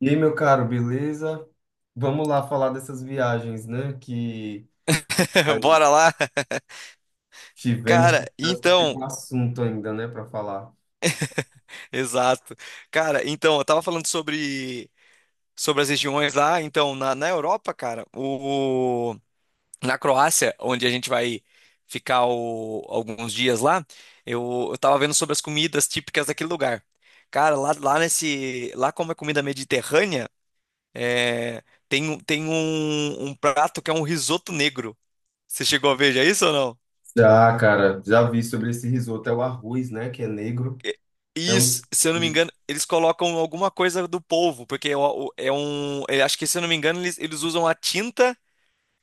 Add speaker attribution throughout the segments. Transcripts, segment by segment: Speaker 1: E aí, meu caro, beleza? Vamos lá falar dessas viagens, né? Que
Speaker 2: Bora
Speaker 1: nós
Speaker 2: lá.
Speaker 1: tivemos, que
Speaker 2: Cara,
Speaker 1: parece que fica
Speaker 2: então,
Speaker 1: um assunto ainda, né, para falar.
Speaker 2: exato. Cara, então, eu tava falando sobre as regiões lá, então, na Europa, cara, o na Croácia, onde a gente vai ficar alguns dias lá, eu tava vendo sobre as comidas típicas daquele lugar. Cara, lá como é comida mediterrânea, é, tem um prato que é um risoto negro. Você chegou a ver já isso ou não?
Speaker 1: Já, cara, já vi sobre esse risoto, é o arroz, né, que é negro. É
Speaker 2: E,
Speaker 1: um...
Speaker 2: se eu não me
Speaker 1: ele-
Speaker 2: engano, eles colocam alguma coisa do polvo, porque é o- é um. Eu acho que, se eu não me engano, eles usam a tinta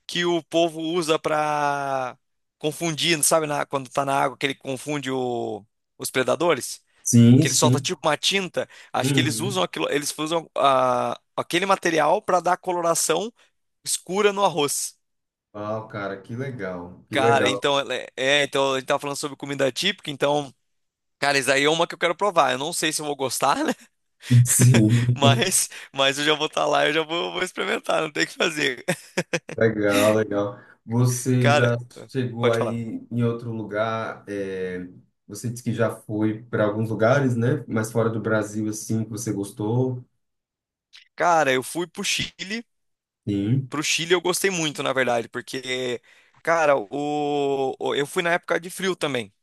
Speaker 2: que o polvo usa pra confundir, sabe, quando tá na água, que ele confunde os predadores,
Speaker 1: Sim,
Speaker 2: que ele solta
Speaker 1: sim.
Speaker 2: tipo uma tinta. Acho que eles
Speaker 1: Uhum.
Speaker 2: usam aquilo, eles usam aquele material pra dar coloração escura no arroz.
Speaker 1: Ah, cara, que legal, que
Speaker 2: Cara,
Speaker 1: legal.
Speaker 2: então, então a gente tava falando sobre comida típica, então, cara, isso aí é uma que eu quero provar. Eu não sei se eu vou gostar, né?
Speaker 1: Sim.
Speaker 2: Mas, eu já vou estar lá, vou experimentar, não tem o que fazer.
Speaker 1: Legal, legal. Você
Speaker 2: Cara,
Speaker 1: já chegou
Speaker 2: pode falar.
Speaker 1: aí em outro lugar? Você disse que já foi para alguns lugares, né? Mas fora do Brasil, assim, que você gostou?
Speaker 2: Cara, eu fui pro Chile.
Speaker 1: Sim.
Speaker 2: Pro Chile eu gostei muito, na verdade, porque, cara, eu fui na época de frio também.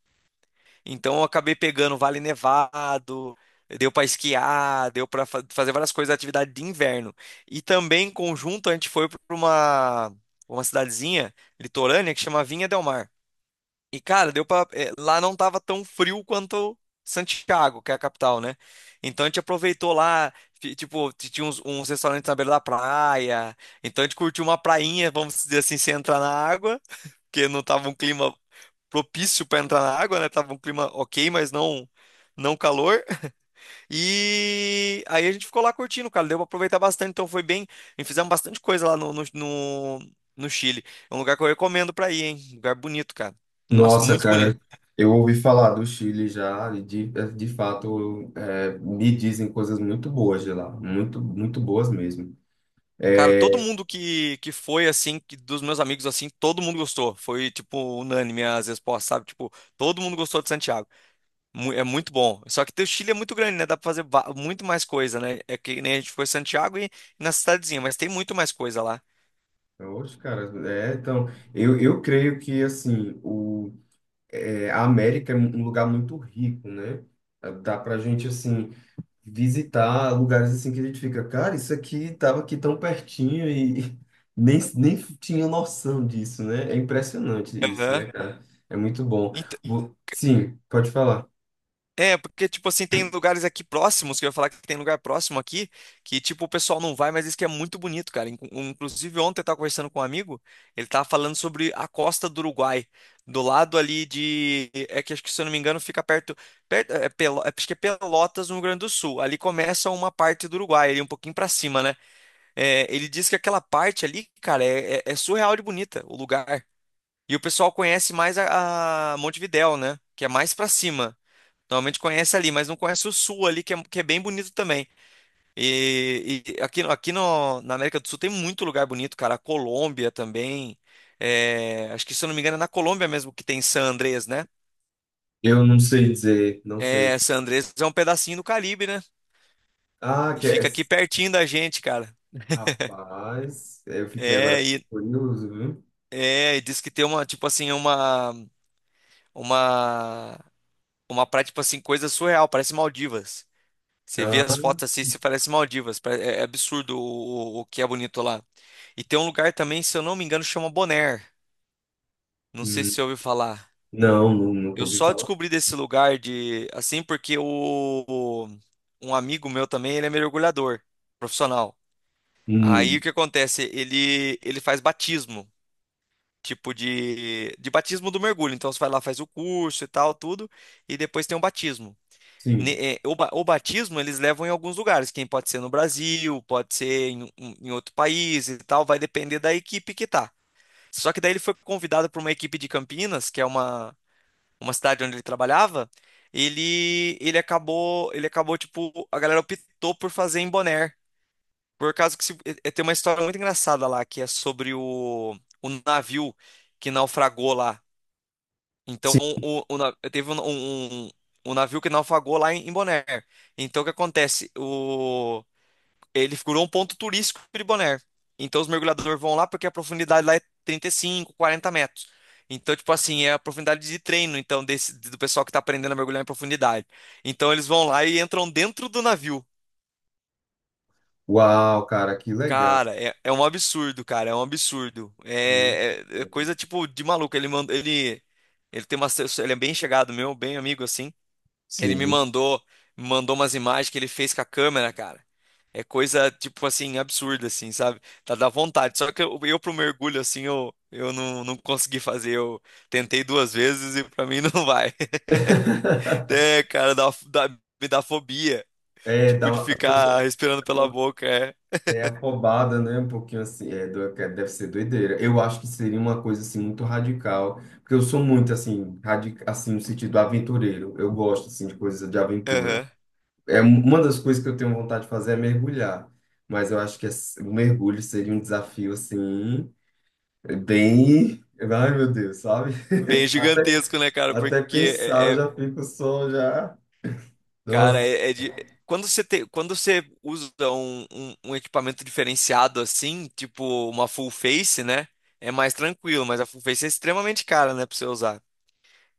Speaker 2: Então eu acabei pegando Vale Nevado, deu pra esquiar, deu pra fazer várias coisas, atividade de inverno. E também, em conjunto, a gente foi pra uma cidadezinha litorânea que chama Vinha del Mar. E, cara, lá não tava tão frio quanto Santiago, que é a capital, né? Então a gente aproveitou lá, tipo, tinha uns restaurantes na beira da praia. Então a gente curtiu uma prainha, vamos dizer assim, sem entrar na água, porque não tava um clima propício pra entrar na água, né? Tava um clima ok, mas não calor. E aí a gente ficou lá curtindo, cara. Deu pra aproveitar bastante, então foi bem. E fizemos bastante coisa lá no, no, no, no Chile. É um lugar que eu recomendo pra ir, hein? Lugar bonito, cara. Nossa,
Speaker 1: Nossa,
Speaker 2: muito bonito.
Speaker 1: cara, eu ouvi falar do Chile já, e de fato, me dizem coisas muito boas de lá, muito, muito boas mesmo.
Speaker 2: Cara, todo
Speaker 1: É,
Speaker 2: mundo que foi, assim, que, dos meus amigos, assim, todo mundo gostou. Foi, tipo, unânime as respostas, sabe? Tipo, todo mundo gostou de Santiago. É muito bom. Só que o Chile é muito grande, né? Dá pra fazer muito mais coisa, né? É que nem a gente foi em Santiago e na cidadezinha, mas tem muito mais coisa lá.
Speaker 1: Oxe, cara, é, então, eu creio que, assim, a América é um lugar muito rico, né? Dá pra gente, assim, visitar lugares assim que a gente fica, cara, isso aqui tava aqui tão pertinho e nem tinha noção disso, né? É impressionante isso,
Speaker 2: Aham.
Speaker 1: né, cara? É muito bom. Sim, pode falar.
Speaker 2: É, porque, tipo assim, tem lugares aqui próximos, que eu ia falar que tem lugar próximo aqui, que, tipo, o pessoal não vai, mas diz que é muito bonito, cara. Inclusive, ontem eu tava conversando com um amigo, ele tava falando sobre a costa do Uruguai, do lado ali de, é que acho que, se eu não me engano, fica perto acho que é Pelotas, no Rio Grande do Sul. Ali começa uma parte do Uruguai, ali um pouquinho pra cima, né? É, ele diz que aquela parte ali, cara, é surreal de bonita, o lugar. E o pessoal conhece mais a Montevidéu, né? Que é mais pra cima. Normalmente conhece ali, mas não conhece o sul ali, que é bem bonito também. E aqui, aqui no, na América do Sul tem muito lugar bonito, cara. A Colômbia também. É, acho que, se eu não me engano, é na Colômbia mesmo que tem San Andrés, né?
Speaker 1: Eu não sei dizer, não
Speaker 2: É,
Speaker 1: sei.
Speaker 2: San Andrés é um pedacinho do Caribe, né?
Speaker 1: Ah,
Speaker 2: E
Speaker 1: que é...
Speaker 2: fica aqui pertinho da gente, cara.
Speaker 1: Rapaz, eu fiquei agora
Speaker 2: É, e,
Speaker 1: curioso, viu?
Speaker 2: e diz que tem uma, uma praia, tipo assim, coisa surreal, parece Maldivas. Você vê
Speaker 1: Ah,
Speaker 2: as fotos assim, você parece Maldivas. É é absurdo o que é bonito lá. E tem um lugar também, se eu não me engano, chama Bonaire. Não sei se
Speaker 1: hum,
Speaker 2: você ouviu falar.
Speaker 1: nunca
Speaker 2: Eu
Speaker 1: ouvi
Speaker 2: só
Speaker 1: falar.
Speaker 2: descobri desse lugar de assim porque o- um amigo meu também, ele é mergulhador profissional. Aí
Speaker 1: Hum,
Speaker 2: o que acontece? Ele faz batismo, tipo de batismo do mergulho. Então você vai lá, faz o curso e tal, tudo, e depois tem um batismo.
Speaker 1: sim,
Speaker 2: O batismo eles levam em alguns lugares, quem pode ser no Brasil, pode ser em outro país e tal, vai depender da equipe que tá. Só que daí ele foi convidado por uma equipe de Campinas, que é uma cidade onde ele trabalhava. Ele ele acabou tipo a galera optou por fazer em Bonaire, por causa que tem uma história muito engraçada lá que é sobre o navio que naufragou lá. Então,
Speaker 1: sim.
Speaker 2: teve um navio que naufragou lá em Bonaire. Então, o que acontece? Ele figurou um ponto turístico de Bonaire. Então, os mergulhadores vão lá porque a profundidade lá é 35, 40 metros. Então, tipo assim, é a profundidade de treino, então, do pessoal que tá aprendendo a mergulhar em profundidade. Então, eles vão lá e entram dentro do navio.
Speaker 1: Uau, cara, que legal.
Speaker 2: Cara, é um absurdo, cara, é um absurdo.
Speaker 1: Muito
Speaker 2: É
Speaker 1: bom.
Speaker 2: coisa, tipo, de maluco. Ele tem ele é bem chegado meu, bem amigo, assim. Ele me
Speaker 1: Sim.
Speaker 2: mandou, me mandou umas imagens que ele fez com a câmera, cara. É coisa, tipo assim, absurda, assim, sabe? Tá da vontade. Só que eu pro mergulho, assim, eu não, não consegui fazer. Eu tentei duas vezes e pra mim não vai. É, cara, me dá fobia.
Speaker 1: É, dá
Speaker 2: Tipo, de
Speaker 1: uma, a
Speaker 2: ficar
Speaker 1: pessoa
Speaker 2: respirando pela boca, é.
Speaker 1: é afobada, né? Um pouquinho assim, é, que deve ser doideira. Eu acho que seria uma coisa assim muito radical, porque eu sou muito assim, radical, assim no sentido aventureiro. Eu gosto assim de coisas de aventura.
Speaker 2: Aham.
Speaker 1: Uma das coisas que eu tenho vontade de fazer é mergulhar, mas eu acho que o mergulho seria um desafio assim bem, ai meu Deus, sabe?
Speaker 2: Bem
Speaker 1: A-
Speaker 2: gigantesco, né, cara?
Speaker 1: Até
Speaker 2: Porque
Speaker 1: pensar eu já fico só já,
Speaker 2: cara,
Speaker 1: nossa.
Speaker 2: quando quando você usa um equipamento diferenciado assim, tipo uma full face, né? É mais tranquilo, mas a full face é extremamente cara, né, pra você usar.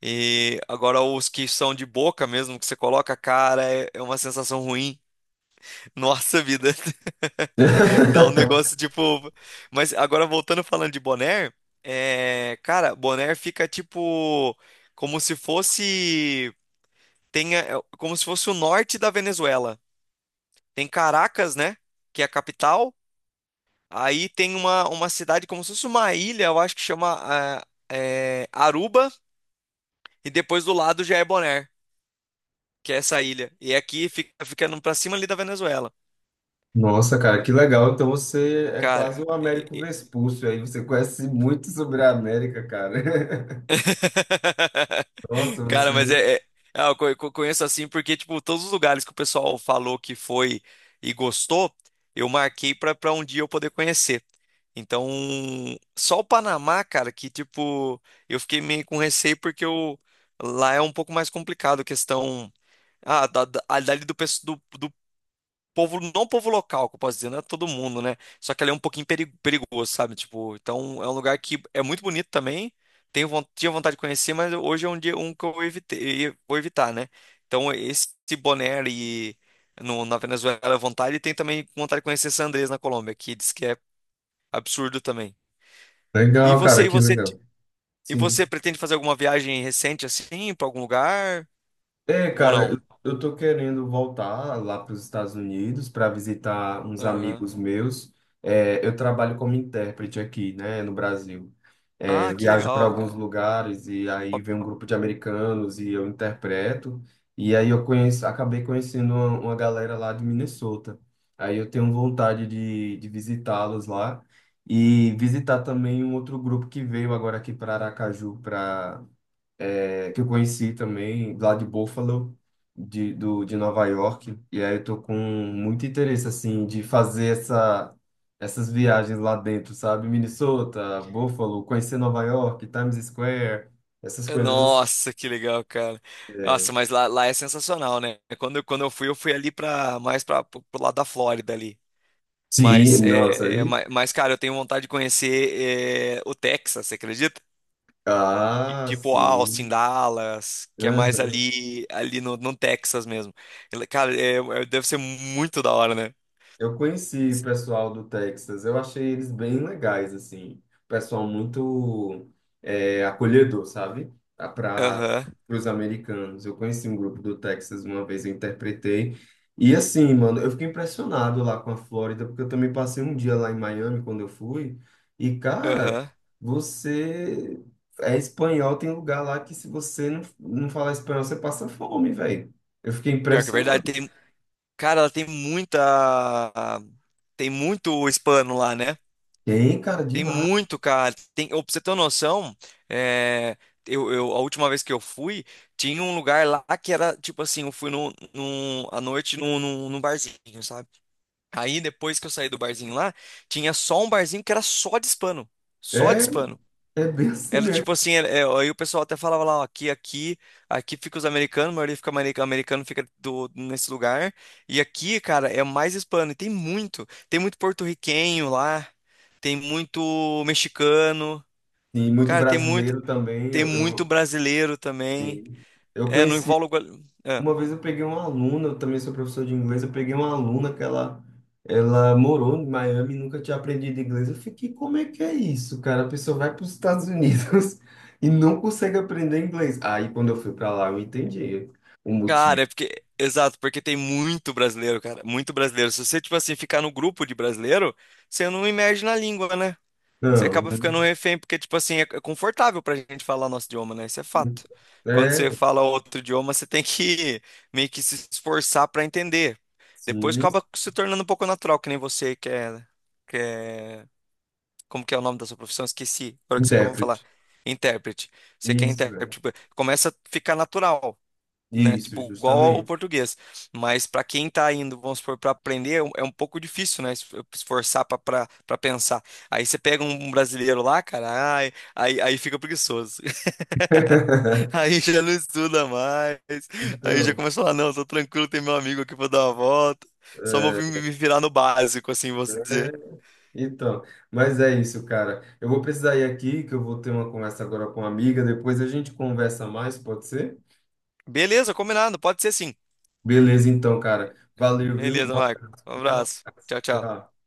Speaker 2: E agora os que são de boca mesmo, que você coloca, cara, é é uma sensação ruim. Nossa vida, dá um negócio tipo. Mas agora voltando falando de boné, cara, boné fica tipo como se fosse. tenha, é como se fosse o norte da Venezuela. Tem Caracas, né? Que é a capital. Aí tem uma cidade como se fosse uma ilha, eu acho que chama ah, Aruba. E depois do lado já é Bonaire, que é essa ilha. E é aqui fica ficando pra cima ali da Venezuela.
Speaker 1: Nossa, cara, que legal. Então você é
Speaker 2: Cara,
Speaker 1: quase um Américo
Speaker 2: é,
Speaker 1: Vespúcio aí. Você conhece muito sobre a América, cara. Nossa,
Speaker 2: Cara, mas
Speaker 1: você.
Speaker 2: é, é- ah, eu conheço assim porque, tipo, todos os lugares que o pessoal falou que foi e gostou, eu marquei pra um dia eu poder conhecer. Então, só o Panamá, cara, que, tipo, eu fiquei meio com receio porque eu, lá é um pouco mais complicado a questão. Ali pessoal povo, não povo local, que eu posso dizer, não é todo mundo, né? Só que ali é um pouquinho perigoso, sabe? Tipo, então é um lugar que é muito bonito também. Tinha vontade de conhecer, mas hoje é um dia um que eu evitei, vou evitar, né? Então esse Bonaire ali no, na Venezuela é vontade, e tem também vontade de conhecer San Andrés na Colômbia, que diz que é absurdo também. E
Speaker 1: Legal,
Speaker 2: você,
Speaker 1: cara,
Speaker 2: e
Speaker 1: que
Speaker 2: você,
Speaker 1: legal.
Speaker 2: e
Speaker 1: Sim.
Speaker 2: você pretende fazer alguma viagem recente assim para algum lugar
Speaker 1: É,
Speaker 2: ou
Speaker 1: cara,
Speaker 2: não?
Speaker 1: eu tô querendo voltar lá para os Estados Unidos para visitar uns
Speaker 2: Aham.
Speaker 1: amigos meus. É, eu trabalho como intérprete aqui, né, no Brasil. É,
Speaker 2: Ah,
Speaker 1: eu
Speaker 2: que
Speaker 1: viajo para
Speaker 2: legal,
Speaker 1: alguns
Speaker 2: cara.
Speaker 1: lugares e aí vem um grupo de americanos e eu interpreto. E aí eu conheço, acabei conhecendo uma galera lá de Minnesota. Aí eu tenho vontade de visitá-los lá e visitar também um outro grupo que veio agora aqui para Aracaju para é, que eu conheci também, lá de Buffalo, de Nova York. E aí eu tô com muito interesse, assim, de fazer essas viagens lá dentro, sabe? Minnesota, Buffalo, conhecer Nova York, Times Square, essas coisas.
Speaker 2: Nossa, que legal, cara. Nossa,
Speaker 1: Assim.
Speaker 2: mas lá, lá é sensacional, né? Quando eu fui ali para mais para pro pro lado da Flórida ali.
Speaker 1: Sim, nossa, aí.
Speaker 2: Mas, cara, eu tenho vontade de conhecer é, o Texas, você acredita?
Speaker 1: Ah,
Speaker 2: Tipo Austin,
Speaker 1: sim.
Speaker 2: Dallas, que é mais ali no Texas mesmo. Cara, deve ser muito da hora, né?
Speaker 1: Eu conheci o pessoal do Texas, eu achei eles bem legais, assim. Pessoal muito é, acolhedor, sabe? Para
Speaker 2: Aham,
Speaker 1: os americanos. Eu conheci um grupo do Texas uma vez, eu interpretei. E assim, mano, eu fiquei impressionado lá com a Flórida, porque eu também passei um dia lá em Miami quando eu fui. E, cara,
Speaker 2: aham.
Speaker 1: você é espanhol, tem lugar lá que se você não falar espanhol, você passa fome, velho. Eu fiquei
Speaker 2: Pior que é verdade,
Speaker 1: impressionado.
Speaker 2: tem, cara, tem muito hispano lá, né?
Speaker 1: Tem, cara,
Speaker 2: Tem
Speaker 1: demais.
Speaker 2: muito, cara. Tem, ô, pra você ter uma noção, é, a última vez que eu fui, tinha um lugar lá que era tipo assim: eu fui à noite num barzinho, sabe? Aí depois que eu saí do barzinho lá, tinha só um barzinho que era só de hispano. Só de
Speaker 1: É,
Speaker 2: hispano.
Speaker 1: é bem assim
Speaker 2: Era
Speaker 1: mesmo.
Speaker 2: tipo assim, era- é, aí o pessoal até falava lá, ó, aqui fica os americanos, a maioria fica americano, americano fica nesse lugar. E aqui, cara, é mais hispano. E tem muito porto-riquenho lá, tem muito mexicano,
Speaker 1: E muito
Speaker 2: cara,
Speaker 1: brasileiro também.
Speaker 2: tem
Speaker 1: Eu,
Speaker 2: muito
Speaker 1: eu,
Speaker 2: brasileiro também.
Speaker 1: eu
Speaker 2: É, não
Speaker 1: conheci.
Speaker 2: envolve. É.
Speaker 1: Uma vez eu peguei uma aluna, eu também sou professor de inglês. Eu peguei uma aluna ela morou em Miami e nunca tinha aprendido inglês. Eu fiquei, como é que é isso, cara? A pessoa vai para os Estados Unidos e não consegue aprender inglês. Aí quando eu fui para lá, eu entendi o motivo.
Speaker 2: Cara, é porque. Exato, porque tem muito brasileiro, cara. Muito brasileiro. Se você, tipo assim, ficar no grupo de brasileiro, você não imerge na língua, né? Você
Speaker 1: Não,
Speaker 2: acaba ficando um refém, porque, tipo assim, é é confortável pra gente falar nosso idioma, né? Isso é fato. Quando você
Speaker 1: é,
Speaker 2: fala outro idioma, você tem que meio que se esforçar pra entender. Depois
Speaker 1: sim,
Speaker 2: acaba se tornando um pouco natural, que nem você que é... Como que é o nome da sua profissão? Esqueci. Agora que você acabou de falar.
Speaker 1: intérprete.
Speaker 2: Intérprete. Você que é
Speaker 1: Isso,
Speaker 2: intérprete.
Speaker 1: é.
Speaker 2: Tipo, começa a ficar natural né?
Speaker 1: Isso,
Speaker 2: Tipo, igual ao
Speaker 1: justamente.
Speaker 2: português. Mas para quem tá indo, vamos supor, para aprender, é um pouco difícil, né? Esforçar para pensar. Aí você pega um brasileiro lá, cara, aí fica preguiçoso. Aí já não estuda mais. Aí já
Speaker 1: Então.
Speaker 2: começa a falar, não, tô tranquilo, tem meu amigo aqui pra dar uma volta. Só vou me virar no básico, assim, vou dizer.
Speaker 1: Então, mas é isso, cara. Eu vou precisar ir aqui, que eu vou ter uma conversa agora com uma amiga. Depois a gente conversa mais, pode ser?
Speaker 2: Beleza, combinado, pode ser sim.
Speaker 1: Beleza, então, cara. Valeu, viu?
Speaker 2: Beleza,
Speaker 1: Um
Speaker 2: Marco.
Speaker 1: abraço.
Speaker 2: Um
Speaker 1: Fica na
Speaker 2: abraço.
Speaker 1: paz.
Speaker 2: Tchau, tchau.
Speaker 1: Tchau.